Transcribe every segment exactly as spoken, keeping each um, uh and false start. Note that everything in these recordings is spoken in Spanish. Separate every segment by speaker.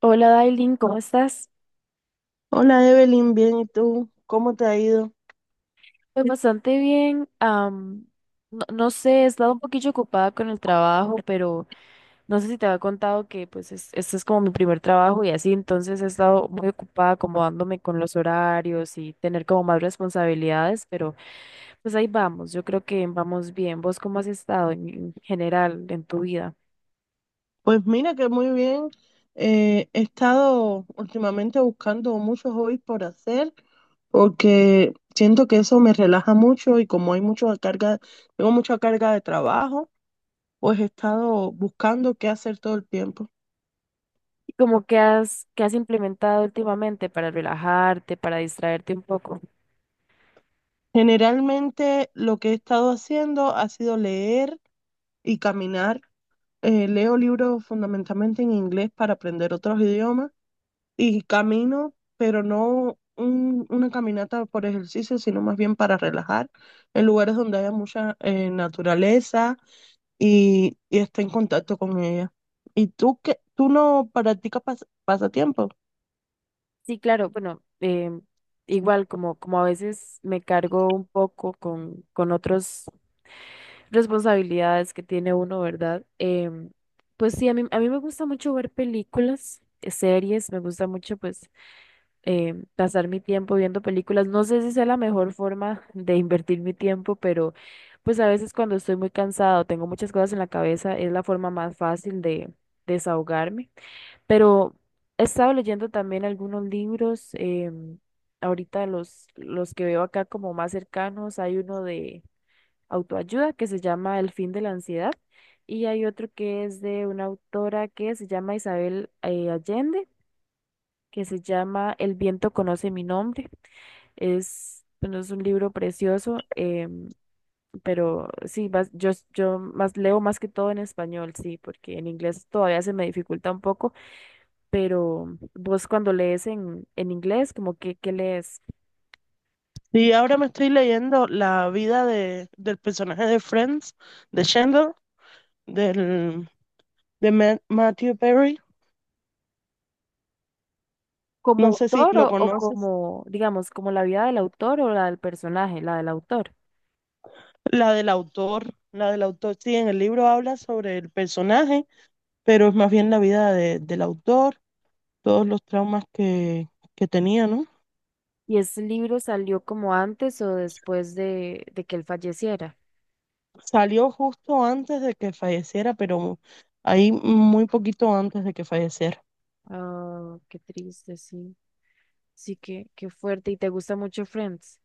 Speaker 1: Hola Dailin, ¿cómo estás?
Speaker 2: Hola Evelyn, bien, ¿y tú? ¿Cómo te ha ido?
Speaker 1: Pues bastante bien. am, no, no sé, he estado un poquillo ocupada con el trabajo, pero no sé si te había contado que pues es- este es como mi primer trabajo y así, entonces he estado muy ocupada acomodándome con los horarios y tener como más responsabilidades, pero pues ahí vamos, yo creo que vamos bien. ¿Vos cómo has estado en, en general en tu vida?
Speaker 2: Pues mira que muy bien. Eh, he estado últimamente buscando muchos hobbies por hacer porque siento que eso me relaja mucho y como hay mucha carga, tengo mucha carga de trabajo, pues he estado buscando qué hacer todo el tiempo.
Speaker 1: ¿Y como que has, que has implementado últimamente para relajarte, para distraerte un poco?
Speaker 2: Generalmente lo que he estado haciendo ha sido leer y caminar. Eh, leo libros fundamentalmente en inglés para aprender otros idiomas. Y camino, pero no un- una caminata por ejercicio, sino más bien para relajar, en lugares donde haya mucha eh, naturaleza y, y esté en contacto con ella. ¿Y tú qué? ¿Tú no practicas pas- pasatiempo?
Speaker 1: Sí, claro, bueno, em, igual como, como a veces me cargo un poco con, con otras responsabilidades que tiene uno, ¿verdad? Em, pues sí, a mí, a mí me gusta mucho ver películas, eh, series, me gusta mucho pues em, pasar mi tiempo viendo películas. No sé si sea la mejor forma de invertir mi tiempo, pero pues a veces cuando estoy muy cansado, tengo muchas cosas en la cabeza, es la forma más fácil de desahogarme. Pero he estado leyendo también algunos libros. em, ahorita los, los que veo acá como más cercanos, hay uno de autoayuda que se llama El fin de la ansiedad y hay otro que es de una autora que se llama Isabel eh, Allende, que se llama El viento conoce mi nombre. Es, bueno, es un libro precioso, em, pero sí, más- yo, yo más leo más que todo en español, sí, porque en inglés todavía se me dificulta un poco, pero vos cuando lees en, en inglés, como que, ¿qué lees?
Speaker 2: Sí, ahora me estoy leyendo la vida de, del personaje de Friends, de Chandler, del, de Ma- Matthew Perry.
Speaker 1: ¿Como
Speaker 2: No sé si
Speaker 1: autor
Speaker 2: lo
Speaker 1: o, o
Speaker 2: conoces.
Speaker 1: como, digamos, como la vida del autor o la del personaje, la del autor?
Speaker 2: La del autor, la del autor, sí, en el libro habla sobre el personaje, pero es más bien la vida de- del autor, todos los traumas que, que tenía, ¿no?
Speaker 1: ¿Y ese libro salió como antes o después de, de que él falleciera?
Speaker 2: Salió justo antes de que falleciera, pero ahí muy poquito antes de que falleciera.
Speaker 1: Ah, qué triste, sí. Sí, qué, qué fuerte. ¿Y te gusta mucho Friends?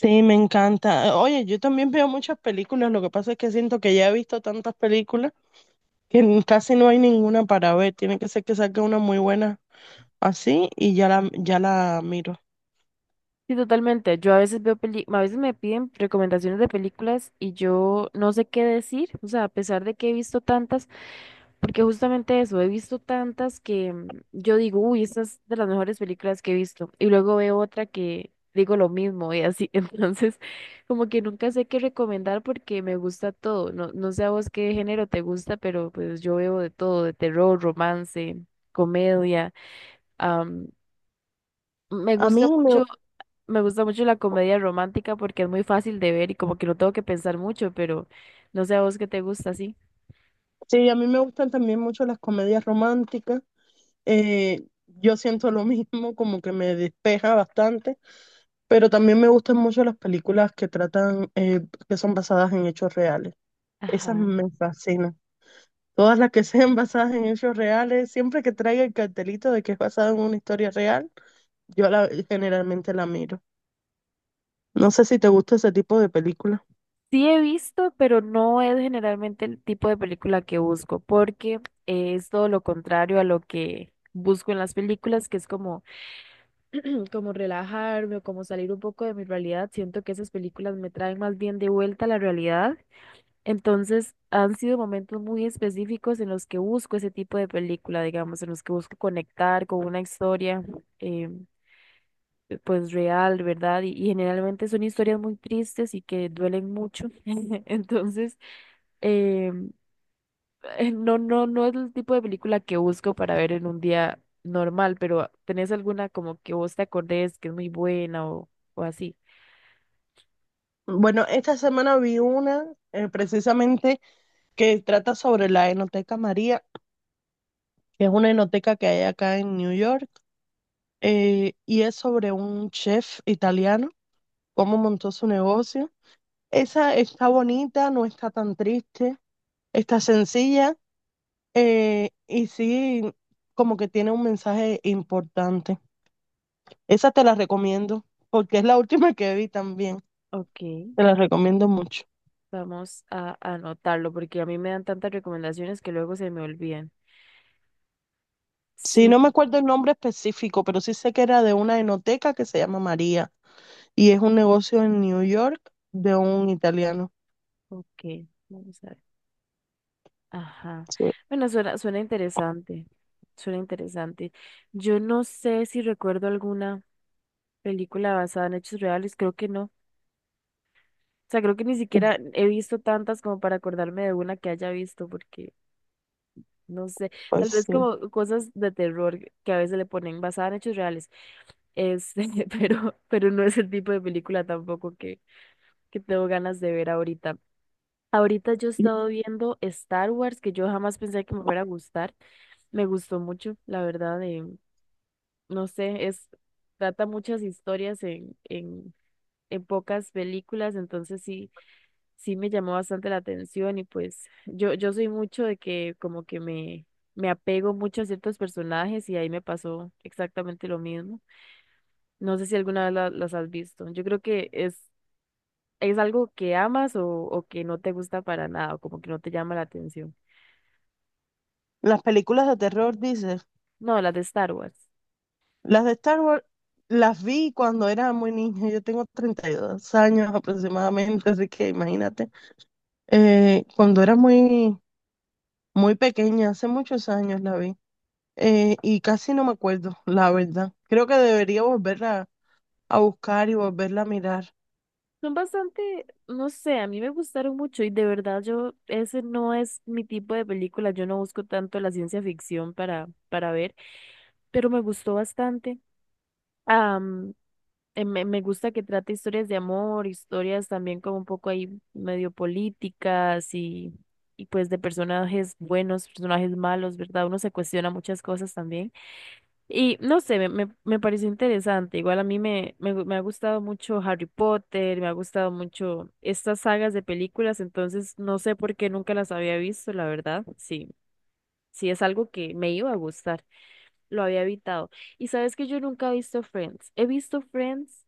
Speaker 2: Sí, me encanta. Oye, yo también veo muchas películas, lo que pasa es que siento que ya he visto tantas películas que n- casi no hay ninguna para ver. Tiene que ser que saque una muy buena, así y ya la, ya la miro.
Speaker 1: Sí, totalmente. Yo a veces veo peli, a veces me piden recomendaciones de películas y yo no sé qué decir, o sea, a pesar de que he visto tantas, porque justamente eso, he visto tantas que mm, yo digo, uy, esta es de las mejores películas que he visto, y luego veo otra que digo lo mismo y así, entonces como que nunca sé qué recomendar porque me gusta todo, no, no sé a vos qué género te gusta, pero pues yo veo de todo, de terror, romance, comedia, am, me
Speaker 2: A mí
Speaker 1: gusta
Speaker 2: me,
Speaker 1: mucho. Me gusta mucho la comedia romántica porque es muy fácil de ver y como que no tengo que pensar mucho, pero no sé a vos qué te gusta así.
Speaker 2: sí, a mí me gustan también mucho las comedias románticas. Eh, yo siento lo mismo, como que me despeja bastante, pero también me gustan mucho las películas que tratan, eh, que son basadas en hechos reales.
Speaker 1: Ajá.
Speaker 2: Esas me fascinan. Todas las que sean basadas en hechos reales, siempre que traiga el cartelito de que es basada en una historia real, yo la, generalmente la miro. No sé si te gusta ese tipo de películas.
Speaker 1: Sí he visto, pero no es generalmente el tipo de película que busco, porque es todo lo contrario a lo que busco en las películas, que es como, como relajarme o como salir un poco de mi realidad. Siento que esas películas me traen más bien de vuelta a la realidad. Entonces, han sido momentos muy específicos en los que busco ese tipo de película, digamos, en los que busco conectar con una historia, eh, pues real, ¿verdad? Y, y generalmente son historias muy tristes y que duelen mucho. Entonces, eh, eh, no, no, no es el tipo de película que busco para ver en un día normal, pero ¿tenés alguna como que vos te acordés que es muy buena o, o así?
Speaker 2: Bueno, esta semana vi una eh, precisamente que trata sobre la Enoteca María, que es una enoteca que hay acá en New York, eh, y es sobre un chef italiano, cómo montó su negocio. Esa está bonita, no está tan triste, está sencilla, eh, y sí, como que tiene un mensaje importante. Esa te la recomiendo porque es la última que vi también.
Speaker 1: Ok,
Speaker 2: Te la recomiendo mucho.
Speaker 1: vamos a anotarlo porque a mí me dan tantas recomendaciones que luego se me olvidan.
Speaker 2: Sí,
Speaker 1: Sí,
Speaker 2: no me acuerdo el nombre específico, pero sí sé que era de una enoteca que se llama María y es un negocio en New York de un italiano.
Speaker 1: ok, vamos a ver. Ajá.
Speaker 2: Sí,
Speaker 1: Bueno, suena, suena interesante, suena interesante. Yo no sé si recuerdo alguna película basada en hechos reales, creo que no. O sea, creo que ni siquiera he visto tantas como para acordarme de una que haya visto, porque no sé,
Speaker 2: pues
Speaker 1: tal vez
Speaker 2: sí.
Speaker 1: como cosas de terror que a veces le ponen basada en hechos reales. Este, pero, pero no es el tipo de película tampoco que, que tengo ganas de ver ahorita. Ahorita yo he estado viendo Star Wars, que yo jamás pensé que me fuera a gustar. Me gustó mucho, la verdad, eh, no sé, es, trata muchas historias en, en, en pocas películas, entonces sí, sí me llamó bastante la atención y pues yo, yo soy mucho de que como que me, me apego mucho a ciertos personajes y ahí me pasó exactamente lo mismo. No sé si alguna vez la- las has visto. Yo creo que es, es algo que amas o, o que no te gusta para nada, o como que no te llama la atención.
Speaker 2: Las películas de terror, dices.
Speaker 1: No, las de Star Wars.
Speaker 2: Las de Star Wars las vi cuando era muy niña. Yo tengo treinta y dos años aproximadamente, así que imagínate. Eh, cuando era muy, muy pequeña, hace muchos años la vi. Eh, y casi no me acuerdo, la verdad. Creo que debería volverla a buscar y volverla a mirar.
Speaker 1: Son bastante, no sé, a mí me gustaron mucho y de verdad yo, ese no es mi tipo de película, yo no busco tanto la ciencia ficción para, para ver, pero me gustó bastante. Am, eh, me, me gusta que trate historias de amor, historias también como un poco ahí medio políticas y, y pues de personajes buenos, personajes malos, ¿verdad? Uno se cuestiona muchas cosas también. Y no sé, me, me, me pareció interesante. Igual a mí me, me, gu- me ha gustado mucho Harry Potter, me ha gustado mucho estas sagas de películas, entonces no sé por qué nunca las había visto, la verdad. Sí, sí es algo que me iba a gustar, lo había evitado. Y sabes que yo nunca he visto Friends. He visto Friends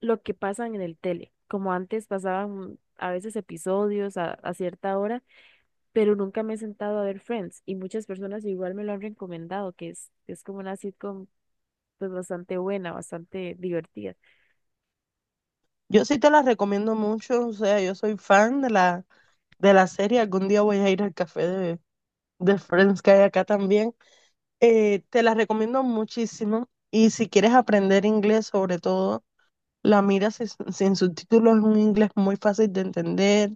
Speaker 1: lo que pasan en el tele, como antes pasaban a veces episodios a, a cierta hora, pero nunca me he sentado a ver Friends. Y muchas personas igual me lo han recomendado, que es, es como una sitcom pues bastante buena, bastante divertida.
Speaker 2: Yo sí te la recomiendo mucho, o sea, yo soy fan de la, de la serie. Algún día voy a ir al café de, de Friends que hay acá también. Eh, te la recomiendo muchísimo. Y si quieres aprender inglés sobre todo. La miras sin, sin subtítulos, es un inglés muy fácil de entender,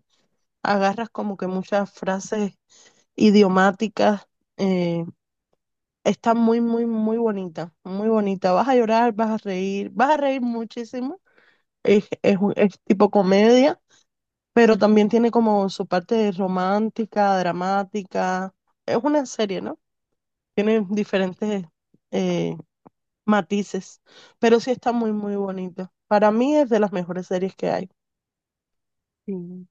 Speaker 2: agarras como que muchas frases idiomáticas, eh, está muy, muy, muy bonita, muy bonita. Vas a llorar, vas a reír, vas a reír muchísimo, es, es, un- es tipo comedia, pero también tiene como su parte romántica, dramática, es una serie, ¿no? Tiene diferentes eh, matices, pero sí está muy, muy bonita. Para mí es de las mejores series que hay.
Speaker 1: Sí.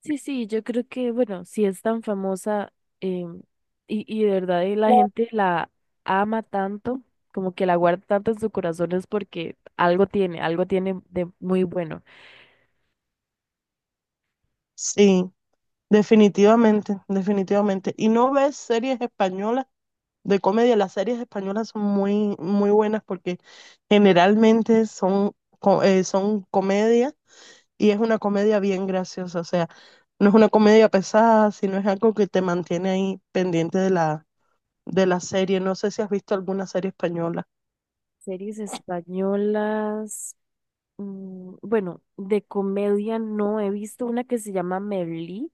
Speaker 1: Sí, sí, yo creo que, bueno, si es tan famosa, em, y, y de verdad eh, la gente la ama tanto, como que la guarda tanto en su corazón es porque algo tiene, algo tiene de muy bueno.
Speaker 2: Sí. Definitivamente, definitivamente. ¿Y no ves series españolas de comedia? Las series españolas son muy, muy buenas porque generalmente son, co- eh, son comedia y es una comedia bien graciosa. O sea, no es una comedia pesada, sino es algo que te mantiene ahí pendiente de la, de la serie. No sé si has visto alguna serie española.
Speaker 1: Series españolas, mm, bueno, de comedia no he visto una que se llama Merlí,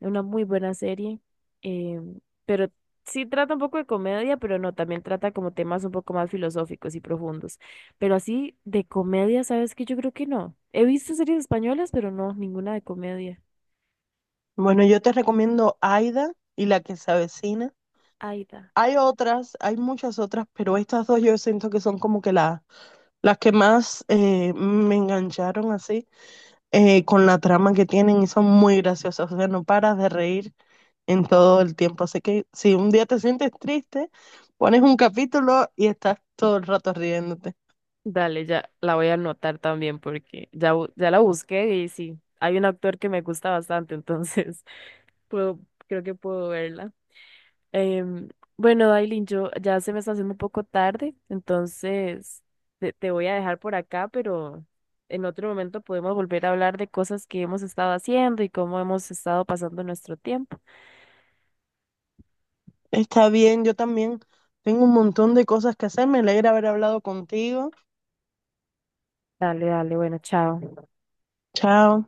Speaker 1: una muy buena serie, eh, pero sí trata un poco de comedia, pero no, también trata como temas un poco más filosóficos y profundos. Pero así de comedia, ¿sabes qué? Yo creo que no. He visto series españolas, pero no, ninguna de comedia.
Speaker 2: Bueno, yo te recomiendo Aida y La que se avecina.
Speaker 1: Aida.
Speaker 2: Hay otras, hay muchas otras, pero estas dos yo siento que son como que las las que más eh, me engancharon así, eh, con la trama que tienen y son muy graciosas. O sea, no paras de reír en todo el tiempo. Así que si un día te sientes triste, pones un capítulo y estás todo el rato riéndote.
Speaker 1: Dale, ya la voy a anotar también porque ya, bu- ya la busqué y sí, hay un actor que me gusta bastante, entonces puedo, creo que puedo verla. Em, bueno, Dailin, yo ya se me está haciendo un poco tarde, entonces te, te voy a dejar por acá, pero en otro momento podemos volver a hablar de cosas que hemos estado haciendo y cómo hemos estado pasando nuestro tiempo.
Speaker 2: Está bien, yo también tengo un montón de cosas que hacer. Me alegra haber hablado contigo.
Speaker 1: Dale, dale, bueno, chao.
Speaker 2: Chao.